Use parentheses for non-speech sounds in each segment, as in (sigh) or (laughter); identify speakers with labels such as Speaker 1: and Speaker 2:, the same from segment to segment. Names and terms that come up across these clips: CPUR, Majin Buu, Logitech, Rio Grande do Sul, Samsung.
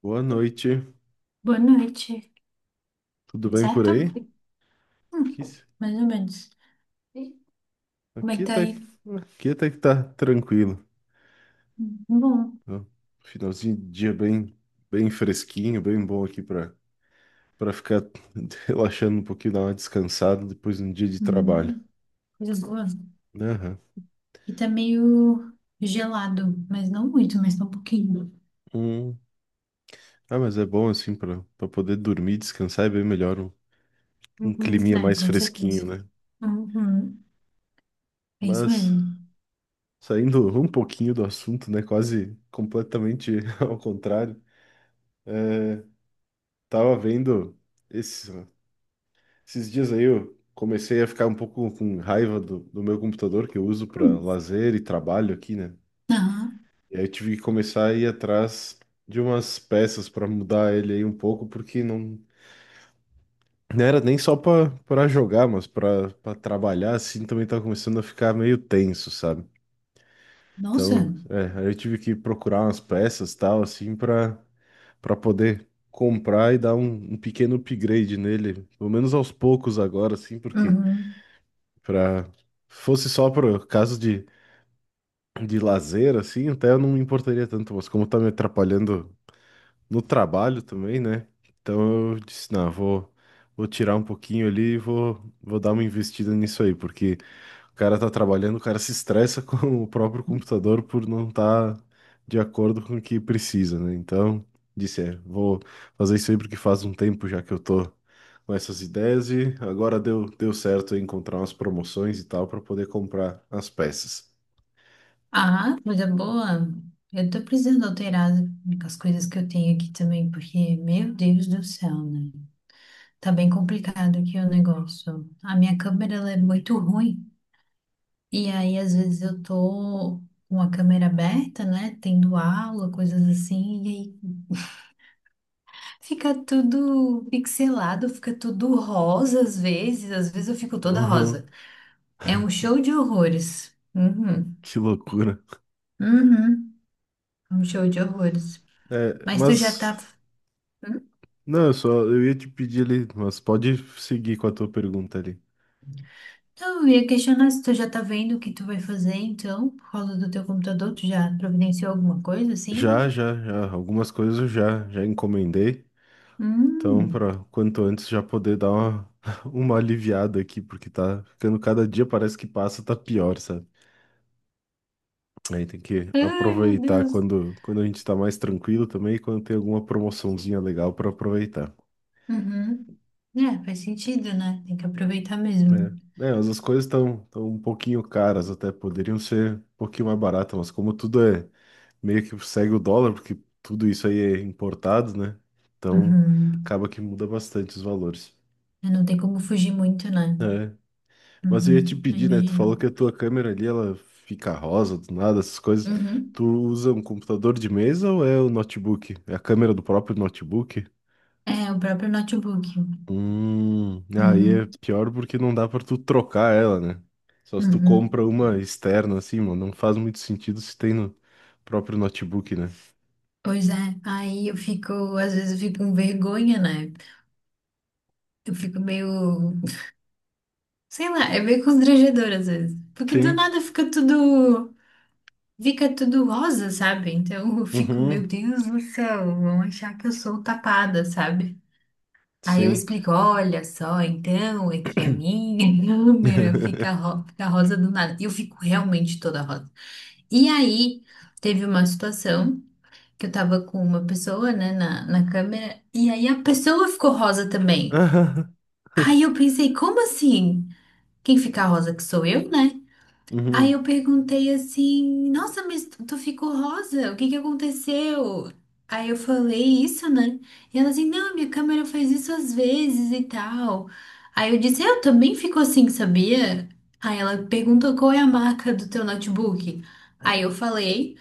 Speaker 1: Boa noite,
Speaker 2: Boa noite,
Speaker 1: tudo
Speaker 2: tudo
Speaker 1: bem por
Speaker 2: certo?
Speaker 1: aí? Aqui,
Speaker 2: Mais ou menos. E Como é que
Speaker 1: aqui
Speaker 2: tá
Speaker 1: até,
Speaker 2: aí?
Speaker 1: aqui até que tá tranquilo.
Speaker 2: Bom.
Speaker 1: Tá? Finalzinho de dia bem, bem fresquinho, bem bom aqui para ficar (laughs) relaxando um pouquinho, dar uma descansada depois de um dia de trabalho.
Speaker 2: Hum, coisa boa.
Speaker 1: Né? Aham.
Speaker 2: E tá meio gelado, mas não muito, mas tá um pouquinho.
Speaker 1: Hum. Ah, mas é bom assim para poder dormir, descansar é bem melhor um
Speaker 2: Uhum.
Speaker 1: climinha
Speaker 2: Ah,
Speaker 1: mais
Speaker 2: com
Speaker 1: fresquinho,
Speaker 2: certeza.
Speaker 1: né?
Speaker 2: Uhum. É isso
Speaker 1: Mas
Speaker 2: mesmo.
Speaker 1: saindo um pouquinho do assunto, né? Quase completamente (laughs) ao contrário. Tava vendo esse. Esses dias aí eu comecei a ficar um pouco com raiva do meu computador que eu uso para
Speaker 2: Hum.
Speaker 1: lazer e trabalho aqui, né?
Speaker 2: Ah,
Speaker 1: E aí eu tive que começar a ir atrás de umas peças para mudar ele aí um pouco, porque não era nem só para para jogar, mas para trabalhar assim também tava começando a ficar meio tenso, sabe?
Speaker 2: nossa.
Speaker 1: Então, é, aí eu tive que procurar umas peças tal assim para poder comprar e dar um pequeno upgrade nele, pelo menos aos poucos agora assim, porque
Speaker 2: Uhum.
Speaker 1: Pra... fosse só por caso de lazer, assim, até eu não me importaria tanto, mas como tá me atrapalhando no trabalho também, né? Então eu disse, não, vou tirar um pouquinho ali e vou dar uma investida nisso aí, porque o cara tá trabalhando, o cara se estressa (laughs) com o próprio computador por não estar de acordo com o que precisa, né? Então, disse, é, vou fazer isso aí porque faz um tempo já que eu tô com essas ideias e agora deu certo eu encontrar umas promoções e tal para poder comprar as peças.
Speaker 2: Ah, coisa boa. Eu tô precisando alterar as coisas que eu tenho aqui também, porque, meu Deus do céu, né? Tá bem complicado aqui o negócio. A minha câmera ela é muito ruim. E aí, às vezes, eu tô com a câmera aberta, né? Tendo aula, coisas assim. E aí fica tudo pixelado, fica tudo rosa às vezes. Às vezes eu fico toda rosa.
Speaker 1: Uhum,
Speaker 2: É um show de horrores. Uhum.
Speaker 1: que loucura.
Speaker 2: Uhum. Um show de horrores.
Speaker 1: É,
Speaker 2: Mas tu já
Speaker 1: mas.
Speaker 2: tá. Hum?
Speaker 1: Não, eu só eu ia te pedir ali, mas pode seguir com a tua pergunta ali.
Speaker 2: Não, eu ia questionar se tu já tá vendo o que tu vai fazer, então, por causa do teu computador, tu já providenciou alguma coisa assim?
Speaker 1: Já, já, já. Algumas coisas eu já, já encomendei. Então,
Speaker 2: Hum.
Speaker 1: para quanto antes já poder dar uma, (laughs) uma aliviada aqui, porque tá ficando cada dia, parece que passa, tá pior, sabe? Aí tem que
Speaker 2: Ai, meu
Speaker 1: aproveitar
Speaker 2: Deus.
Speaker 1: quando a gente tá mais tranquilo também, e quando tem alguma promoçãozinha legal para aproveitar.
Speaker 2: Uhum. É, faz sentido, né? Tem que aproveitar
Speaker 1: Né?
Speaker 2: mesmo.
Speaker 1: É, mas as coisas estão tão tão um pouquinho caras, até poderiam ser um pouquinho mais baratas, mas como tudo é meio que segue o dólar, porque tudo isso aí é importado, né? Então
Speaker 2: Uhum.
Speaker 1: acaba que muda bastante os valores.
Speaker 2: É, não tem como fugir muito, né?
Speaker 1: É. Mas eu ia te
Speaker 2: Uhum. Eu
Speaker 1: pedir, né? Tu
Speaker 2: imagino.
Speaker 1: falou que a tua câmera ali, ela fica rosa do nada, essas coisas.
Speaker 2: Uhum.
Speaker 1: Tu usa um computador de mesa ou é o notebook? É a câmera do próprio notebook?
Speaker 2: É, o próprio notebook.
Speaker 1: Aí é
Speaker 2: Uhum.
Speaker 1: pior porque não dá pra tu trocar ela, né? Só se tu
Speaker 2: Uhum.
Speaker 1: compra uma externa, assim, mano, não faz muito sentido se tem no próprio notebook, né?
Speaker 2: Pois é, aí eu fico, às vezes eu fico com vergonha, né? Eu fico meio, sei lá, é meio constrangedor às vezes. Porque do
Speaker 1: Sim.
Speaker 2: nada fica tudo, fica tudo rosa, sabe? Então eu fico,
Speaker 1: Uhum,
Speaker 2: meu Deus do céu, vão achar que eu sou tapada, sabe? Aí eu
Speaker 1: sim.
Speaker 2: explico, olha só, então é que a minha (laughs) câmera fica,
Speaker 1: (laughs)
Speaker 2: fica rosa do nada. E eu fico realmente toda rosa. E aí teve uma situação que eu tava com uma pessoa, né, na câmera, e aí a pessoa ficou rosa também.
Speaker 1: (laughs)
Speaker 2: Aí eu pensei, como assim? Quem fica rosa que sou eu, né? Aí
Speaker 1: Uhum,
Speaker 2: eu perguntei assim, nossa, mas tu ficou rosa? O que que aconteceu? Aí eu falei isso, né? E ela assim, não, minha câmera faz isso às vezes e tal. Aí eu disse, eu também fico assim, sabia? Aí ela perguntou qual é a marca do teu notebook. Aí eu falei,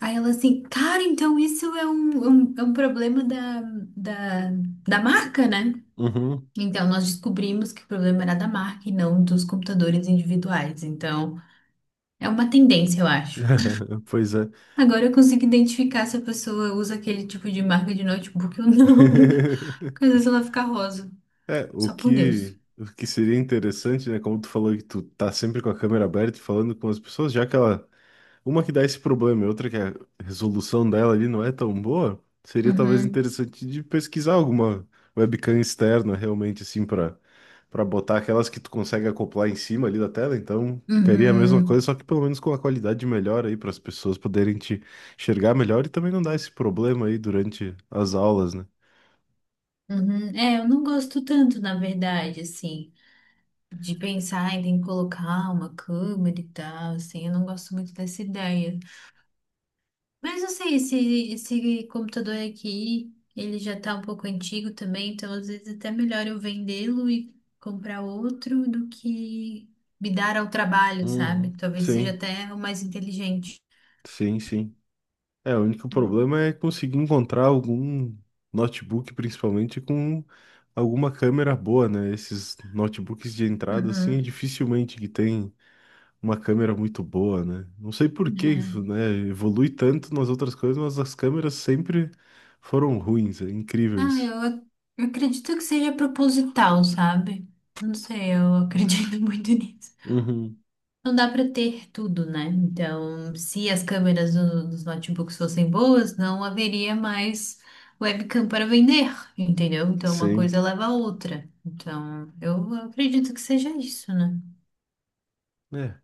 Speaker 2: aí ela assim, cara, então isso é um problema da, da marca, né?
Speaker 1: uhum.
Speaker 2: Então nós descobrimos que o problema era da marca e não dos computadores individuais. Então. É uma tendência, eu acho.
Speaker 1: (laughs) Pois é.
Speaker 2: Agora eu consigo identificar se a pessoa usa aquele tipo de marca de notebook ou não.
Speaker 1: (laughs)
Speaker 2: (laughs) Porque às vezes ela fica rosa.
Speaker 1: É, o
Speaker 2: Só por Deus.
Speaker 1: que, o que seria interessante, né? Como tu falou que tu tá sempre com a câmera aberta e falando com as pessoas, já que ela. Uma que dá esse problema e outra que a resolução dela ali não é tão boa, seria talvez
Speaker 2: Uhum,
Speaker 1: interessante de pesquisar alguma webcam externa realmente, assim, para botar aquelas que tu consegue acoplar em cima ali da tela. Então ficaria a mesma coisa,
Speaker 2: uhum,
Speaker 1: só que pelo menos com a qualidade melhor aí, para as pessoas poderem te enxergar melhor e também não dar esse problema aí durante as aulas, né?
Speaker 2: uhum. É, eu não gosto tanto, na verdade, assim, de pensar em ter que colocar uma câmera e tal, assim, eu não gosto muito dessa ideia. Mas não sei, esse computador aqui, ele já tá um pouco antigo também, então às vezes até melhor eu vendê-lo e comprar outro do que me dar ao trabalho, sabe?
Speaker 1: Uhum.
Speaker 2: Talvez seja
Speaker 1: Sim,
Speaker 2: até o mais inteligente.
Speaker 1: sim, sim. É, o único problema é conseguir encontrar algum notebook, principalmente com alguma câmera boa, né? Esses notebooks de entrada, assim, é
Speaker 2: Uhum.
Speaker 1: dificilmente que tem uma câmera muito boa, né? Não sei por que isso,
Speaker 2: É.
Speaker 1: né? Evolui tanto nas outras coisas, mas as câmeras sempre foram ruins. É incrível
Speaker 2: Ah,
Speaker 1: isso.
Speaker 2: eu acredito que seja proposital, sabe? Não sei, eu acredito (laughs) muito nisso.
Speaker 1: Uhum.
Speaker 2: Não dá para ter tudo, né? Então, se as câmeras dos notebooks fossem boas, não haveria mais webcam para vender, entendeu? Então, uma
Speaker 1: Sim.
Speaker 2: coisa leva a outra. Então, eu acredito que seja isso, né?
Speaker 1: É,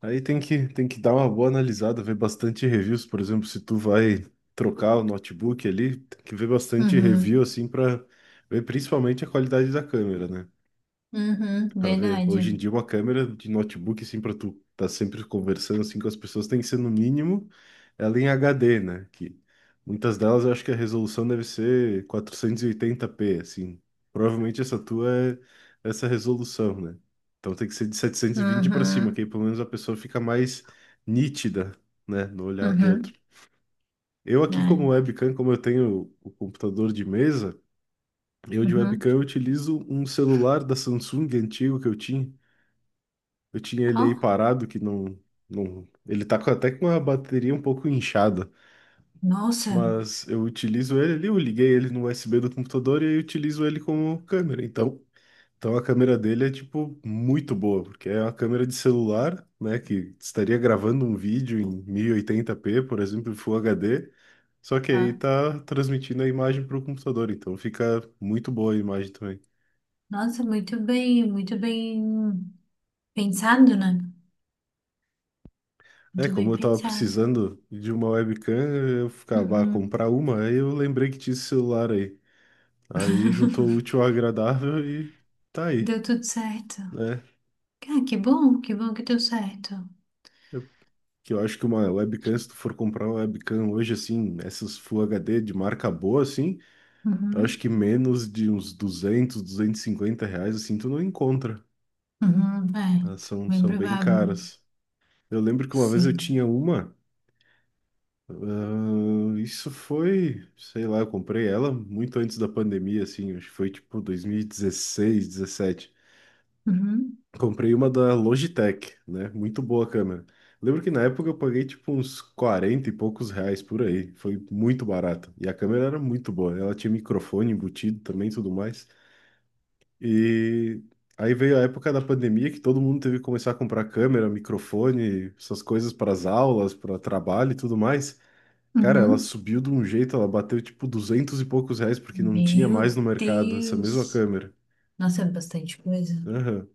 Speaker 1: aí tem que dar uma boa analisada, ver bastante reviews. Por exemplo, se tu vai trocar o notebook ali, tem que ver bastante
Speaker 2: Uhum,
Speaker 1: review, assim, para ver principalmente a qualidade da câmera, né?
Speaker 2: uhum,
Speaker 1: Pra ver,
Speaker 2: verdade.
Speaker 1: hoje em dia uma câmera de notebook, assim, pra tu tá sempre conversando, assim, com as pessoas, tem que ser no mínimo ela em HD, né? Que muitas delas eu acho que a resolução deve ser 480p, assim. Provavelmente essa tua é essa resolução, né? Então tem que ser de 720 pra cima,
Speaker 2: Uhum,
Speaker 1: que aí pelo menos a pessoa fica mais nítida, né? No olhar do outro.
Speaker 2: uhum,
Speaker 1: Eu aqui
Speaker 2: né?
Speaker 1: como webcam, como eu tenho o computador de mesa, eu de
Speaker 2: Uhum.
Speaker 1: webcam eu utilizo um celular da Samsung antigo que eu tinha. Eu tinha ele
Speaker 2: Ó,
Speaker 1: aí parado, que não, não. Ele tá até com a bateria um pouco inchada.
Speaker 2: nossa,
Speaker 1: Mas eu utilizo ele ali, eu liguei ele no USB do computador e aí eu utilizo ele como câmera. Então a câmera dele é, tipo, muito boa, porque é uma câmera de celular, né? Que estaria gravando um vídeo em 1080p por exemplo, em Full HD. Só que aí
Speaker 2: ah,
Speaker 1: tá transmitindo a imagem para o computador, então fica muito boa a imagem também.
Speaker 2: nossa, muito bem pensado, né?
Speaker 1: É,
Speaker 2: Muito bem
Speaker 1: como eu tava
Speaker 2: pensado.
Speaker 1: precisando de uma webcam, eu ficava a
Speaker 2: Uhum.
Speaker 1: comprar uma, aí eu lembrei que tinha esse celular aí. Aí juntou o
Speaker 2: (laughs)
Speaker 1: útil ao agradável e tá aí,
Speaker 2: Deu tudo certo.
Speaker 1: né?
Speaker 2: Ah, que bom, que bom que deu certo.
Speaker 1: Eu, eu acho que uma webcam, se tu for comprar uma webcam hoje, assim, essas Full HD de marca boa, assim, eu acho
Speaker 2: Uhum,
Speaker 1: que menos de uns 200, R$ 250, assim, tu não encontra.
Speaker 2: uhum, é,
Speaker 1: Elas são,
Speaker 2: bem
Speaker 1: são bem
Speaker 2: provável.
Speaker 1: caras. Eu lembro que uma vez eu tinha
Speaker 2: Sim.
Speaker 1: uma. Ah, isso foi, sei lá, eu comprei ela muito antes da pandemia, assim, acho que foi tipo 2016, 2017.
Speaker 2: Uhum,
Speaker 1: Comprei uma da Logitech, né? Muito boa a câmera. Lembro que na época eu paguei tipo uns 40 e poucos reais por aí. Foi muito barato. E a câmera era muito boa. Ela tinha microfone embutido também e tudo mais. E aí veio a época da pandemia que todo mundo teve que começar a comprar câmera, microfone, essas coisas para as aulas, para trabalho e tudo mais. Cara, ela
Speaker 2: uhum.
Speaker 1: subiu de um jeito, ela bateu tipo 200 e poucos reais porque não tinha
Speaker 2: Meu
Speaker 1: mais no mercado essa mesma
Speaker 2: Deus.
Speaker 1: câmera.
Speaker 2: Nossa, é bastante coisa.
Speaker 1: Aham.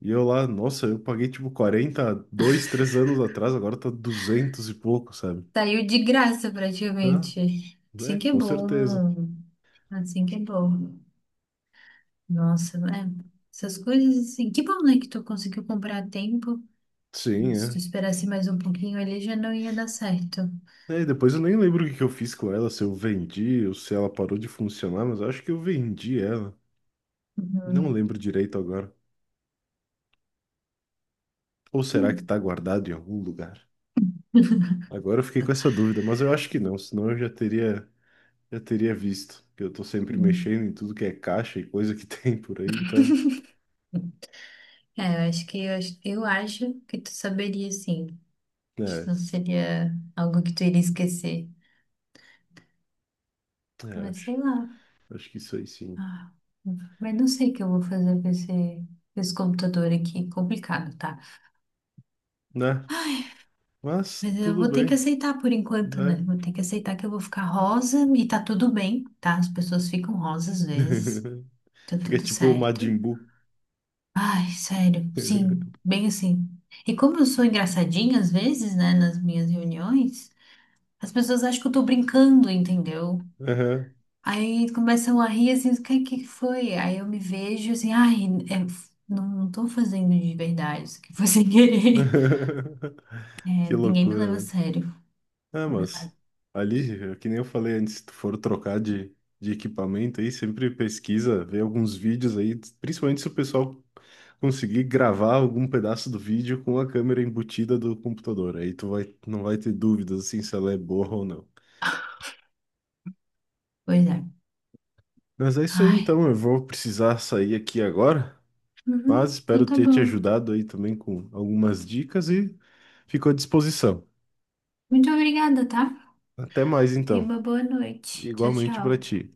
Speaker 1: E eu lá, nossa, eu paguei tipo 40, dois, três anos atrás, agora tá 200 e pouco, sabe?
Speaker 2: Saiu de graça praticamente.
Speaker 1: É, é,
Speaker 2: Assim que é
Speaker 1: com certeza.
Speaker 2: bom. Assim que é bom. Nossa, é. Essas coisas assim. Que bom, né, que tu conseguiu comprar a tempo.
Speaker 1: Sim,
Speaker 2: Se tu
Speaker 1: é.
Speaker 2: esperasse mais um pouquinho ali, já não ia dar certo.
Speaker 1: É, e depois eu nem lembro o que que eu fiz com ela, se eu vendi ou se ela parou de funcionar, mas eu acho que eu vendi ela. Não
Speaker 2: Uhum.
Speaker 1: lembro direito agora. Ou será que tá guardado em algum lugar? Agora eu fiquei com essa dúvida, mas eu acho que não, senão eu já teria. Eu teria visto, que eu tô
Speaker 2: É.
Speaker 1: sempre
Speaker 2: (laughs)
Speaker 1: mexendo em tudo que é caixa e coisa que (laughs) tem por aí, então,
Speaker 2: É, eu acho que tu saberia sim. Acho
Speaker 1: é,
Speaker 2: Não seria algo que tu iria esquecer.
Speaker 1: é,
Speaker 2: Mas
Speaker 1: acho,
Speaker 2: sei lá.
Speaker 1: acho que isso aí sim,
Speaker 2: Ah, mas não sei o que eu vou fazer com esse computador aqui. Complicado, tá?
Speaker 1: né? Mas
Speaker 2: Mas eu
Speaker 1: tudo
Speaker 2: vou ter que
Speaker 1: bem,
Speaker 2: aceitar por enquanto, né?
Speaker 1: né?
Speaker 2: Vou ter que aceitar que eu vou ficar rosa e tá tudo bem, tá? As pessoas ficam rosa às vezes.
Speaker 1: (laughs)
Speaker 2: Tá
Speaker 1: Fica
Speaker 2: tudo
Speaker 1: tipo o
Speaker 2: certo.
Speaker 1: Majin Buu.
Speaker 2: Ai, sério, sim,
Speaker 1: (laughs)
Speaker 2: bem assim. E como eu sou engraçadinha às vezes, né, nas minhas reuniões. As pessoas acham que eu tô brincando, entendeu?
Speaker 1: Aham.
Speaker 2: Aí começam a rir assim, o que, que foi? Aí eu me vejo assim, ai, é, não, não tô fazendo de verdade, isso aqui foi sem querer. (laughs)
Speaker 1: (laughs)
Speaker 2: É,
Speaker 1: Que
Speaker 2: ninguém me
Speaker 1: loucura,
Speaker 2: leva a
Speaker 1: né?
Speaker 2: sério.
Speaker 1: É,
Speaker 2: Complicado.
Speaker 1: mas ali, é que nem eu falei antes, se tu for trocar de equipamento aí, sempre pesquisa, vê alguns vídeos aí, principalmente se o pessoal conseguir gravar algum pedaço do vídeo com a câmera embutida do computador. Aí tu vai, não vai ter dúvidas assim se ela é boa ou não.
Speaker 2: Pois é.
Speaker 1: Mas é isso aí
Speaker 2: Ai.
Speaker 1: então, eu vou precisar sair aqui agora, mas
Speaker 2: Uhum, então
Speaker 1: espero
Speaker 2: tá
Speaker 1: ter te
Speaker 2: bom.
Speaker 1: ajudado aí também com algumas dicas e fico à disposição.
Speaker 2: Muito obrigada, tá?
Speaker 1: Até mais
Speaker 2: Tenha
Speaker 1: então,
Speaker 2: uma boa noite. Tchau,
Speaker 1: igualmente para
Speaker 2: tchau.
Speaker 1: ti.